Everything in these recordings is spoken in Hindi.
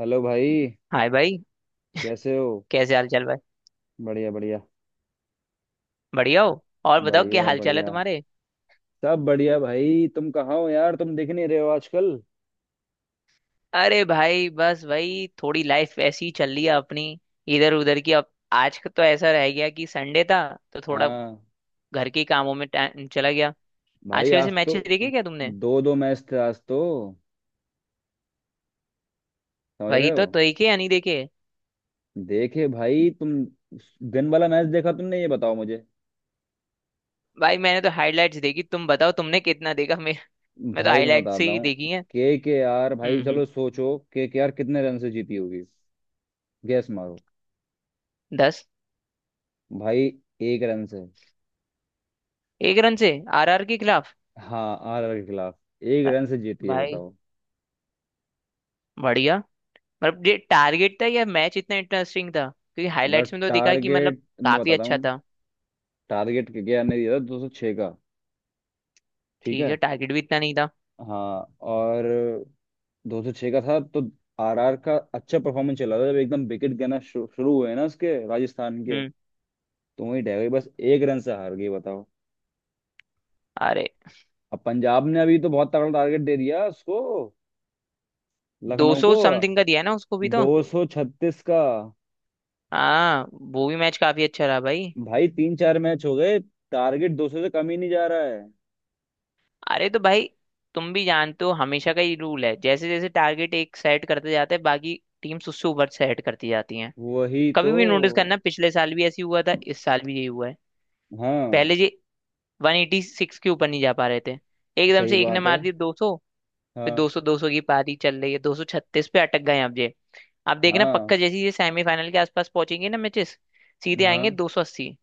हेलो भाई। हाय भाई। कैसे हो? कैसे हाल चाल भाई। बढ़िया बढ़िया। बढ़िया हो और बताओ क्या बढ़िया हाल चाल है बढ़िया तुम्हारे। सब बढ़िया भाई। तुम कहाँ हो यार? तुम दिख नहीं रहे हो आजकल। अरे भाई बस भाई थोड़ी लाइफ ऐसी ही चल रही है अपनी। इधर उधर की अब आज का तो ऐसा रह गया कि संडे था तो थोड़ा हाँ घर के कामों में टाइम चला गया। आज भाई के आज वैसे तो मैचेस देखे क्या तुमने। दो दो मैच थे आज तो, समझ रहे वही हो? तो देखे या नहीं देखे। देखे भाई तुम, दिन वाला मैच देखा तुमने? ये बताओ मुझे। भाई मैंने तो हाईलाइट्स देखी, तुम बताओ तुमने कितना देखा। मैं तो भाई मैं हाईलाइट से बताता ही हूँ, देखी है। के आर हम्म भाई हम्म। चलो सोचो के आर कितने रन से जीती होगी? गैस मारो। दस। भाई एक रन से। एक रन से। आरआर के खिलाफ। हाँ आर आर के खिलाफ एक अ- रन से जीती है भाई बताओ। बढ़िया। मतलब ये टारगेट था या मैच इतना इंटरेस्टिंग था, क्योंकि हाईलाइट्स मतलब में तो दिखा कि मतलब टारगेट मैं काफी बताता अच्छा हूँ। था। टारगेट केकेआर ने दिया था 206 का। ठीक ठीक है? है, टारगेट भी इतना नहीं था। हाँ। और 206 का था तो आरआर का अच्छा परफॉर्मेंस चला था, जब एकदम विकेट गिरना शुरू हुए ना उसके राजस्थान के, हम्म। तो वहीं ढह गई, बस एक रन से हार गई बताओ। अरे अब पंजाब ने अभी तो बहुत तगड़ा टारगेट दे दिया उसको, दो लखनऊ सौ को, समथिंग का दिया है ना उसको भी तो। 236 का। हाँ, वो भी मैच काफी अच्छा रहा भाई। भाई तीन चार मैच हो गए, टारगेट 200 से कम ही नहीं जा रहा है। अरे तो भाई तुम भी जानते हो, हमेशा का ही रूल है, जैसे जैसे टारगेट एक सेट करते जाते हैं बाकी टीम्स उससे ऊपर सेट करती जाती हैं। वही कभी तो। भी नोटिस करना, पिछले साल भी ऐसी हुआ था, इस साल भी यही हुआ है। हाँ। पहले ये 186 के ऊपर नहीं जा पा रहे थे, एकदम सही से एक ने बात है। मार दिया दो सौ। फिर हाँ 200 200 की पारी चल रही है, 236 पे अटक गए हैं अब ये। आप देखना हाँ पक्का, जैसे ही ये सेमीफाइनल के आसपास पहुंचेंगे ना मैचेस, सीधे आएंगे हाँ। 280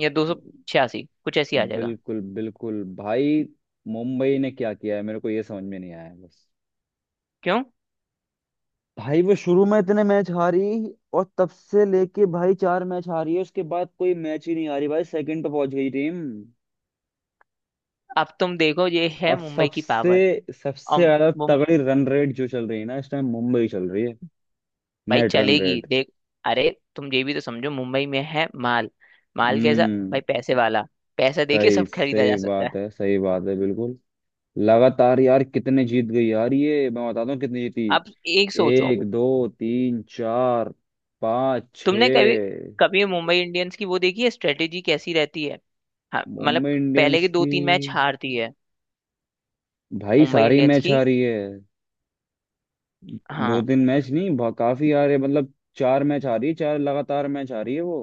या 286 कुछ ऐसी आ जाएगा। बिल्कुल बिल्कुल भाई। मुंबई ने क्या किया है मेरे को ये समझ में नहीं आया बस। क्यों। भाई वो शुरू में इतने मैच हारी, और तब से लेके भाई चार मैच हारी है, उसके बाद कोई मैच ही नहीं हारी भाई, सेकंड पे पहुंच गई टीम। अब तुम देखो, ये है और मुंबई की सबसे पावर। सबसे और ज्यादा मुं- तगड़ी रन रेट जो चल रही है ना इस टाइम, मुंबई चल रही है। भाई नेट रन चलेगी रेट। देख। अरे तुम ये भी तो समझो, मुंबई में है माल। माल कैसा। हम्म। भाई पैसे वाला। पैसा देके सही सब खरीदा सही जा सकता है। बात है। सही बात है बिल्कुल। लगातार यार कितने जीत गई यार, ये मैं बताता हूँ कितनी जीती। अब एक सोचो, एक दो तीन चार पाँच छ। तुमने कभी कभी मुंबई इंडियंस की वो देखी है स्ट्रेटेजी कैसी रहती है। हाँ मतलब मुंबई पहले इंडियंस के दो की। तीन मैच हारती है भाई मुंबई सारी इंडियंस मैच की। आ रही है। दो हाँ। तीन मैच नहीं काफी आ रहे, मतलब चार मैच आ रही है, चार लगातार मैच आ रही है वो।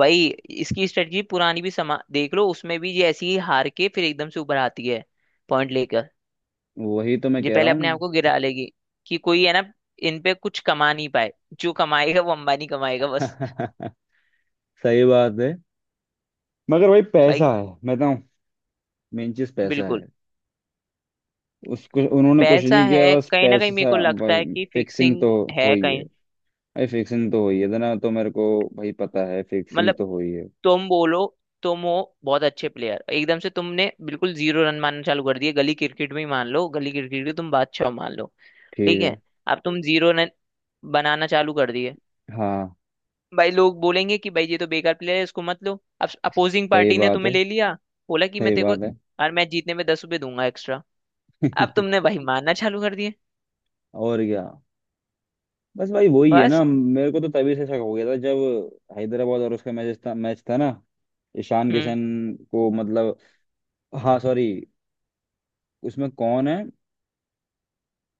वही, इसकी स्ट्रेटजी पुरानी भी समा देख लो, उसमें भी ये ऐसी ही हार के फिर एकदम से ऊपर आती है, पॉइंट लेकर। वही तो मैं ये कह रहा पहले अपने हूँ। आप को गिरा लेगी कि कोई है ना, इन पे कुछ कमा नहीं पाए। जो कमाएगा वो अंबानी कमाएगा बस। सही बात है। मगर भाई पैसा भाई है मैं बताऊँ, मेन चीज पैसा बिल्कुल। है। उसको उन्होंने कुछ पैसा नहीं किया, है बस कहीं ना कहीं, मेरे पैसा। को लगता है कि फिक्सिंग फिक्सिंग तो है हुई है। कहीं। भाई फिक्सिंग तो हुई है ना, तो मेरे को भाई पता है फिक्सिंग मतलब तो हुई है। तुम बोलो, तुम हो बहुत अच्छे प्लेयर, एकदम से तुमने बिल्कुल जीरो रन मारना चालू कर दिए, गली क्रिकेट में ही मान लो, गली क्रिकेट के तुम बादशाह मान लो। ठीक ठीक है। है। अब तुम जीरो रन बनाना चालू कर दिए, हाँ। भाई लोग बोलेंगे कि भाई ये तो बेकार प्लेयर है, इसको मत लो। अब अपोजिंग सही पार्टी ने बात तुम्हें है। ले लिया। बोला कि मैं सही तेरे को बात है। हर मैच जीतने में 10 रुपये दूंगा एक्स्ट्रा। अब तुमने भाई मारना चालू कर दिए। और क्या। बस भाई वही है बस। ना, मेरे को तो तभी से शक हो गया था जब हैदराबाद और उसका मैच था, मैच था ना। ईशान हम्म। किशन को मतलब, हाँ सॉरी, उसमें कौन है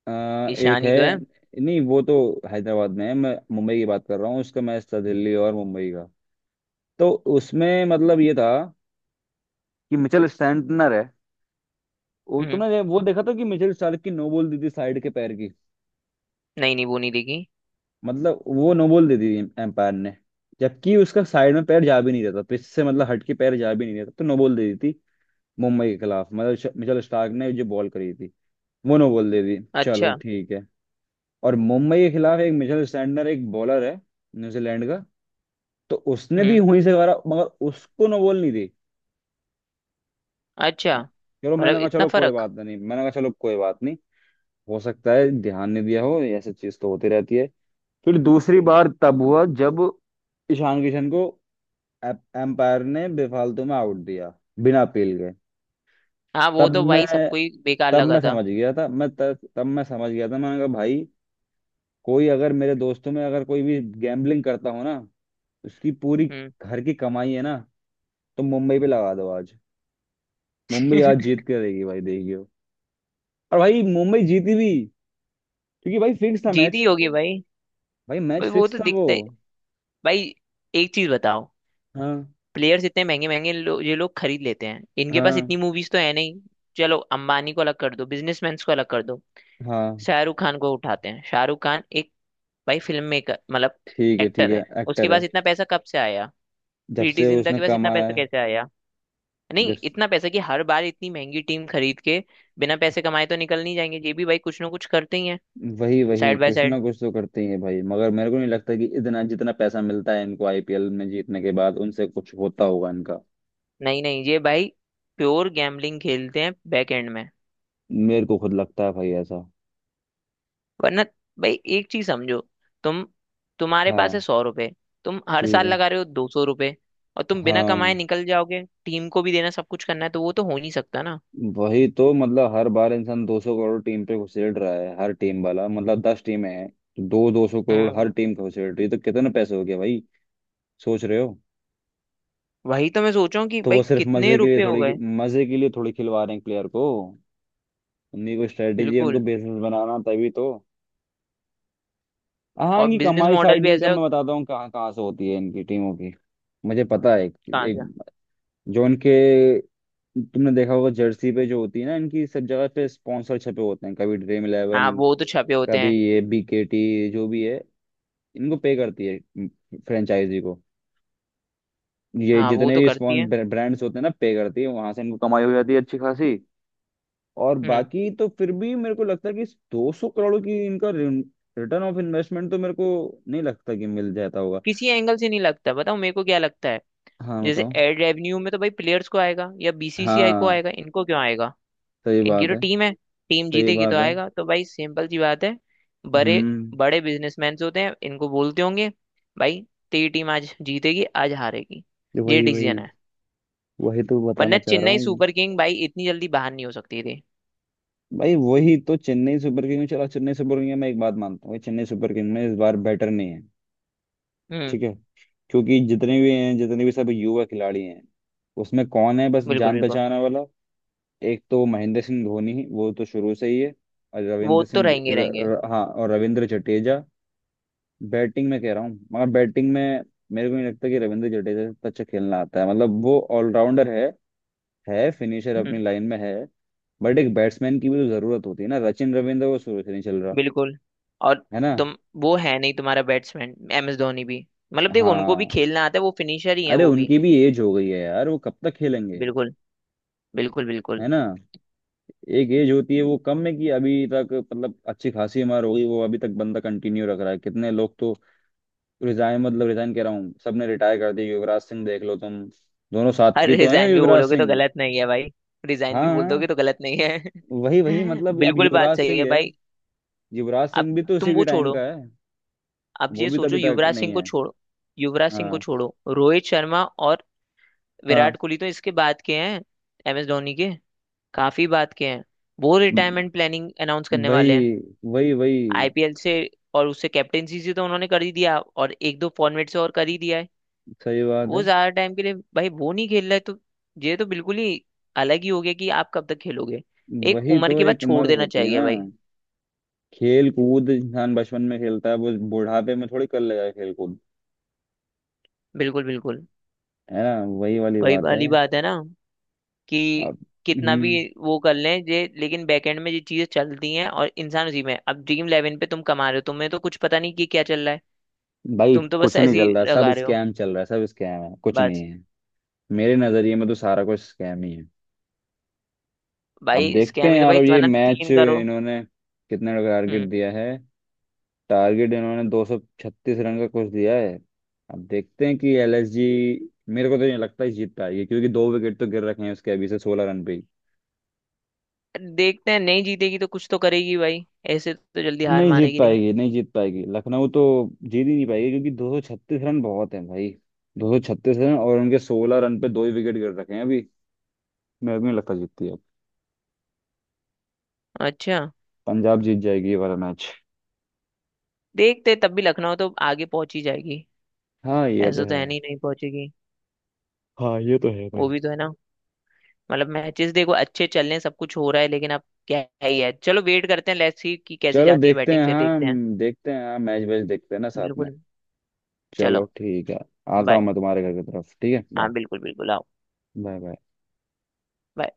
अ, एक ईशान ही तो है। है? नहीं वो तो हैदराबाद में है, मैं मुंबई की बात कर रहा हूँ। उसका मैच था दिल्ली और मुंबई का, तो उसमें मतलब ये था कि मिचेल स्टैंटनर है। वो हम्म। तुमने वो देखा था कि मिचेल स्टार्क की नो बॉल दी थी साइड के पैर की? नहीं नहीं, वो नहीं देखी। मतलब वो नो बॉल दे दी एम्पायर ने, जबकि उसका साइड में पैर जा भी नहीं रहता पिच से, मतलब हट के पैर जा भी नहीं रहता, तो नो बॉल दे दी थी मुंबई के खिलाफ। मतलब मिचेल स्टार्क ने जो बॉल करी थी, वो नो बॉल दे दी। चलो अच्छा। ठीक है। और मुंबई के खिलाफ एक मिचेल स्टैंडर एक बॉलर है न्यूजीलैंड का, तो उसने भी हम्म। वहीं से मारा मगर उसको नो बॉल नहीं दी। अच्छा। चलो मतलब मैंने कहा इतना चलो कोई फर्क। बात नहीं, मैंने कहा चलो कोई बात नहीं, हो सकता है ध्यान नहीं दिया हो, ऐसी चीज तो होती रहती है। फिर दूसरी बार तब हुआ जब ईशान किशन को एम्पायर ने बेफालतू में आउट दिया, बिना अपील के। हाँ, वो तब तो मैं भाई सबको ही बेकार तब लगा मैं था। समझ गया था, मैं तब तब मैं समझ गया था, मैंने कहा भाई, कोई अगर मेरे दोस्तों में अगर कोई भी गैम्बलिंग करता हो ना, उसकी पूरी हम्म। घर की कमाई है ना, तो मुंबई पे लगा दो आज, मुंबई आज जीत के रहेगी भाई, देखियो। और भाई मुंबई जीती भी, क्योंकि भाई फिक्स था जीती मैच। होगी भाई। भाई मैच भाई वो फिक्स तो था वो। दिखता है। भाई एक चीज बताओ, हाँ प्लेयर्स इतने महंगे महंगे लो, ये लोग खरीद लेते हैं, इनके पास हाँ इतनी मूवीज तो है नहीं। चलो अंबानी को अलग कर दो, बिजनेसमैन को अलग कर दो। हाँ। शाहरुख खान को उठाते हैं, शाहरुख खान एक भाई फिल्म मेकर मतलब ठीक है। ठीक एक्टर है है। उसके एक्टर पास है। इतना पैसा कब से आया। जब प्रीति से जिंटा उसने के पास इतना कमाया पैसा है। कैसे आया। जब नहीं इतना पैसा कि हर बार इतनी महंगी टीम खरीद के बिना पैसे कमाए तो निकल नहीं जाएंगे, ये भी भाई कुछ ना कुछ करते ही हैं। वही वही साइड बाय कुछ ना साइड। कुछ तो करते ही है भाई, मगर मेरे को नहीं लगता कि इतना जितना पैसा मिलता है इनको आईपीएल में जीतने के बाद उनसे कुछ होता होगा इनका। नहीं नहीं ये भाई प्योर गैम्बलिंग खेलते हैं बैक एंड में। मेरे को खुद लगता है भाई ऐसा। वरना भाई एक चीज समझो। तुम तुम्हारे पास है हाँ 100 रुपए। तुम हर ठीक साल है लगा रहे हो 200 रुपए। और तुम बिना हाँ। कमाए निकल जाओगे, टीम को भी देना, सब कुछ करना है तो वो तो हो नहीं सकता ना। वही तो, मतलब हर बार इंसान 200 करोड़ टीम पे घुसेड़ रहा है, हर टीम वाला, मतलब 10 टीमें हैं तो दो दो सौ करोड़ हर हम्म। टीम को घुसेड़ रही है, तो कितने पैसे हो गए भाई, सोच रहे हो। वही तो मैं सोच रहा हूँ कि तो भाई वो सिर्फ कितने मजे के लिए रुपए हो थोड़ी, गए। मजे के लिए थोड़ी खिलवा रहे हैं प्लेयर को, उन्हीं को स्ट्रेटेजी, बिल्कुल। उनको बिजनेस बनाना, तभी तो। हाँ और इनकी बिजनेस कमाई मॉडल साइड भी ऐसा इनकम है। मैं बताता हूँ कहाँ कहाँ से होती है इनकी टीमों की। मुझे पता है एक, कहाँ एक से। जो इनके, तुमने देखा होगा जर्सी पे जो होती है ना इनकी, सब जगह पे स्पॉन्सर छपे होते हैं, कभी ड्रीम इलेवन, हाँ वो तो छपे होते कभी हैं। ये बीकेटी, जो भी है इनको पे करती है फ्रेंचाइजी को। ये हाँ वो जितने तो भी करती है। स्पॉन्सर ब्रांड्स होते हैं ना पे करती है, वहां से इनको कमाई हो जाती है अच्छी खासी। और हम्म। बाकी तो फिर भी मेरे को लगता है कि 200 करोड़ की, इनका रिटर्न ऑफ इन्वेस्टमेंट तो मेरे को नहीं लगता कि मिल जाता होगा। किसी एंगल से नहीं लगता, बताओ मेरे को क्या लगता है। हाँ जैसे बताओ। एड रेवेन्यू में तो भाई प्लेयर्स को आएगा या बीसीसीआई को हाँ। आएगा, इनको क्यों आएगा। सही इनकी बात तो है। टीम है, टीम सही जीतेगी तो बात है। आएगा, तो भाई सिंपल सी बात है। बड़े हम्म। बड़े बिजनेसमैन होते हैं, इनको बोलते होंगे भाई तेरी टीम आज जीतेगी, आज हारेगी, ये ये वही वही, डिसीजन है। वही तो बताना वरना चाह रहा चेन्नई हूँ। सुपर किंग भाई इतनी जल्दी बाहर नहीं हो सकती थी। भाई वही तो चेन्नई सुपर किंग चला, चेन्नई सुपर किंग में मैं एक बात मानता हूँ, चेन्नई सुपर किंग में इस बार बैटर नहीं है। हम्म। ठीक है? क्योंकि जितने भी हैं, जितने भी सब युवा खिलाड़ी हैं, उसमें कौन है बस बिल्कुल जान बिल्कुल। पहचान वाला, एक तो महेंद्र सिंह धोनी, वो तो शुरू से ही है, और वो रविंद्र तो सिंह ज- रहेंगे र, रहेंगे। र, हाँ और रविंद्र जडेजा। बैटिंग में कह रहा हूँ मगर, बैटिंग में मेरे को नहीं लगता कि रविंद्र जडेजा से इतना अच्छा खेलना आता है, मतलब वो ऑलराउंडर है फिनिशर हम्म। अपनी लाइन में है, बट एक बैट्समैन की भी तो जरूरत होती है ना। सचिन रविंद्र वो शुरू से नहीं चल रहा। बिल्कुल। और है ना? तुम वो है नहीं तुम्हारा बैट्समैन, एम एस धोनी भी मतलब देखो उनको भी हाँ। खेलना आता है, वो फिनिशर ही है अरे वो भी। उनकी भी एज हो गई है यार, वो कब तक खेलेंगे। बिल्कुल। बिल्कुल बिल्कुल। है ना, एक एज होती है। वो कम है कि अभी तक, मतलब अच्छी खासी उम्र हो गई, वो अभी तक बंदा कंटिन्यू रख रहा है। कितने लोग तो रिजाइन, मतलब रिजाइन कह रहा हूँ, सबने रिटायर कर दिया, युवराज सिंह देख लो तुम, दोनों साथ की अरे तो हैं रिजाइन भी युवराज बोलोगे तो सिंह। गलत नहीं है भाई। रिजाइन भी हाँ बोल हाँ। दोगे तो गलत नहीं है। वही वही, मतलब अब बिल्कुल बात युवराज सही सिंह है है, भाई। युवराज अब सिंह भी तो तुम उसी के वो टाइम का छोड़ो। है, अब वो ये भी तो सोचो, अभी तक युवराज नहीं सिंह को है। छोड़ो, युवराज सिंह को हाँ छोड़ो, रोहित शर्मा और हाँ विराट कोहली तो इसके बाद के हैं, एम एस धोनी के काफी बाद के हैं। वो रिटायरमेंट प्लानिंग अनाउंस करने वाले हैं वही वही वही। आईपीएल से। और उससे कैप्टेंसी से तो उन्होंने कर ही दिया, और एक दो फॉर्मेट से और कर ही दिया है। सही बात है। वो ज्यादा टाइम के लिए भाई वो नहीं खेल रहा है तो ये तो बिल्कुल ही अलग ही हो गया कि आप कब तक खेलोगे। एक वही उम्र तो के बाद एक छोड़ उम्र देना होती है चाहिए ना। भाई। खेल कूद इंसान बचपन में खेलता है, वो बुढ़ापे में थोड़ी कर लेगा खेल कूद। बिल्कुल बिल्कुल। है ना? वही वाली वही बात है। वाली बात है ना कि अब। कितना भी हम्म। वो कर लें ये, लेकिन बैकएंड में ये चीजें चलती हैं और इंसान उसी में है। अब ड्रीम इलेवन पे तुम कमा रहे हो, तुम्हें तो कुछ पता नहीं कि क्या चल रहा है। भाई तुम तो बस कुछ नहीं ऐसे चल ही रहा, सब लगा रहे हो स्कैम चल रहा है, सब स्कैम है कुछ नहीं बस। है। मेरे नजरिए में तो सारा कुछ स्कैम ही है। अब भाई देखते स्कैम हैं ही तो, यार, भाई अब ये तुम्हारा मैच तीन करो। इन्होंने कितने टारगेट हम्म। दिया है, टारगेट इन्होंने 236 रन का कुछ दिया है। अब देखते हैं कि एलएसजी, मेरे को तो नहीं लगता है जीत पाएगी, क्योंकि दो विकेट तो गिर रखे हैं उसके अभी से 16 रन पे ही। देखते हैं, नहीं जीतेगी तो कुछ तो करेगी भाई, ऐसे तो जल्दी हार नहीं जीत मानेगी नहीं। पाएगी, नहीं जीत पाएगी लखनऊ तो, जीत ही नहीं पाएगी, क्योंकि 236 रन बहुत हैं भाई। 236 रन, और उनके 16 रन पे दो ही विकेट गिर रखे हैं अभी, मेरे को नहीं लगता जीतती है। अच्छा। पंजाब जीत जाएगी ये वाला मैच। देखते तब भी लखनऊ तो आगे पहुंच ही जाएगी। हाँ ये तो ऐसा तो है। है नहीं नहीं पहुंचेगी। हाँ ये तो है वो भाई। भी तो है ना। मतलब मैचेस देखो अच्छे चल रहे हैं, सब कुछ हो रहा है, लेकिन अब क्या ही है, चलो वेट करते हैं, लेट्स सी कि कैसी चलो जाती है देखते बैटिंग हैं। फिर हाँ हम देखते हैं। देखते हैं। हाँ मैच वैच देखते हैं ना साथ में। बिल्कुल। चलो चलो। ठीक है। आता हूँ बाय। मैं तुम्हारे घर की तरफ। ठीक है? हाँ बाय। बिल्कुल बिल्कुल आओ। Bye bye. bye.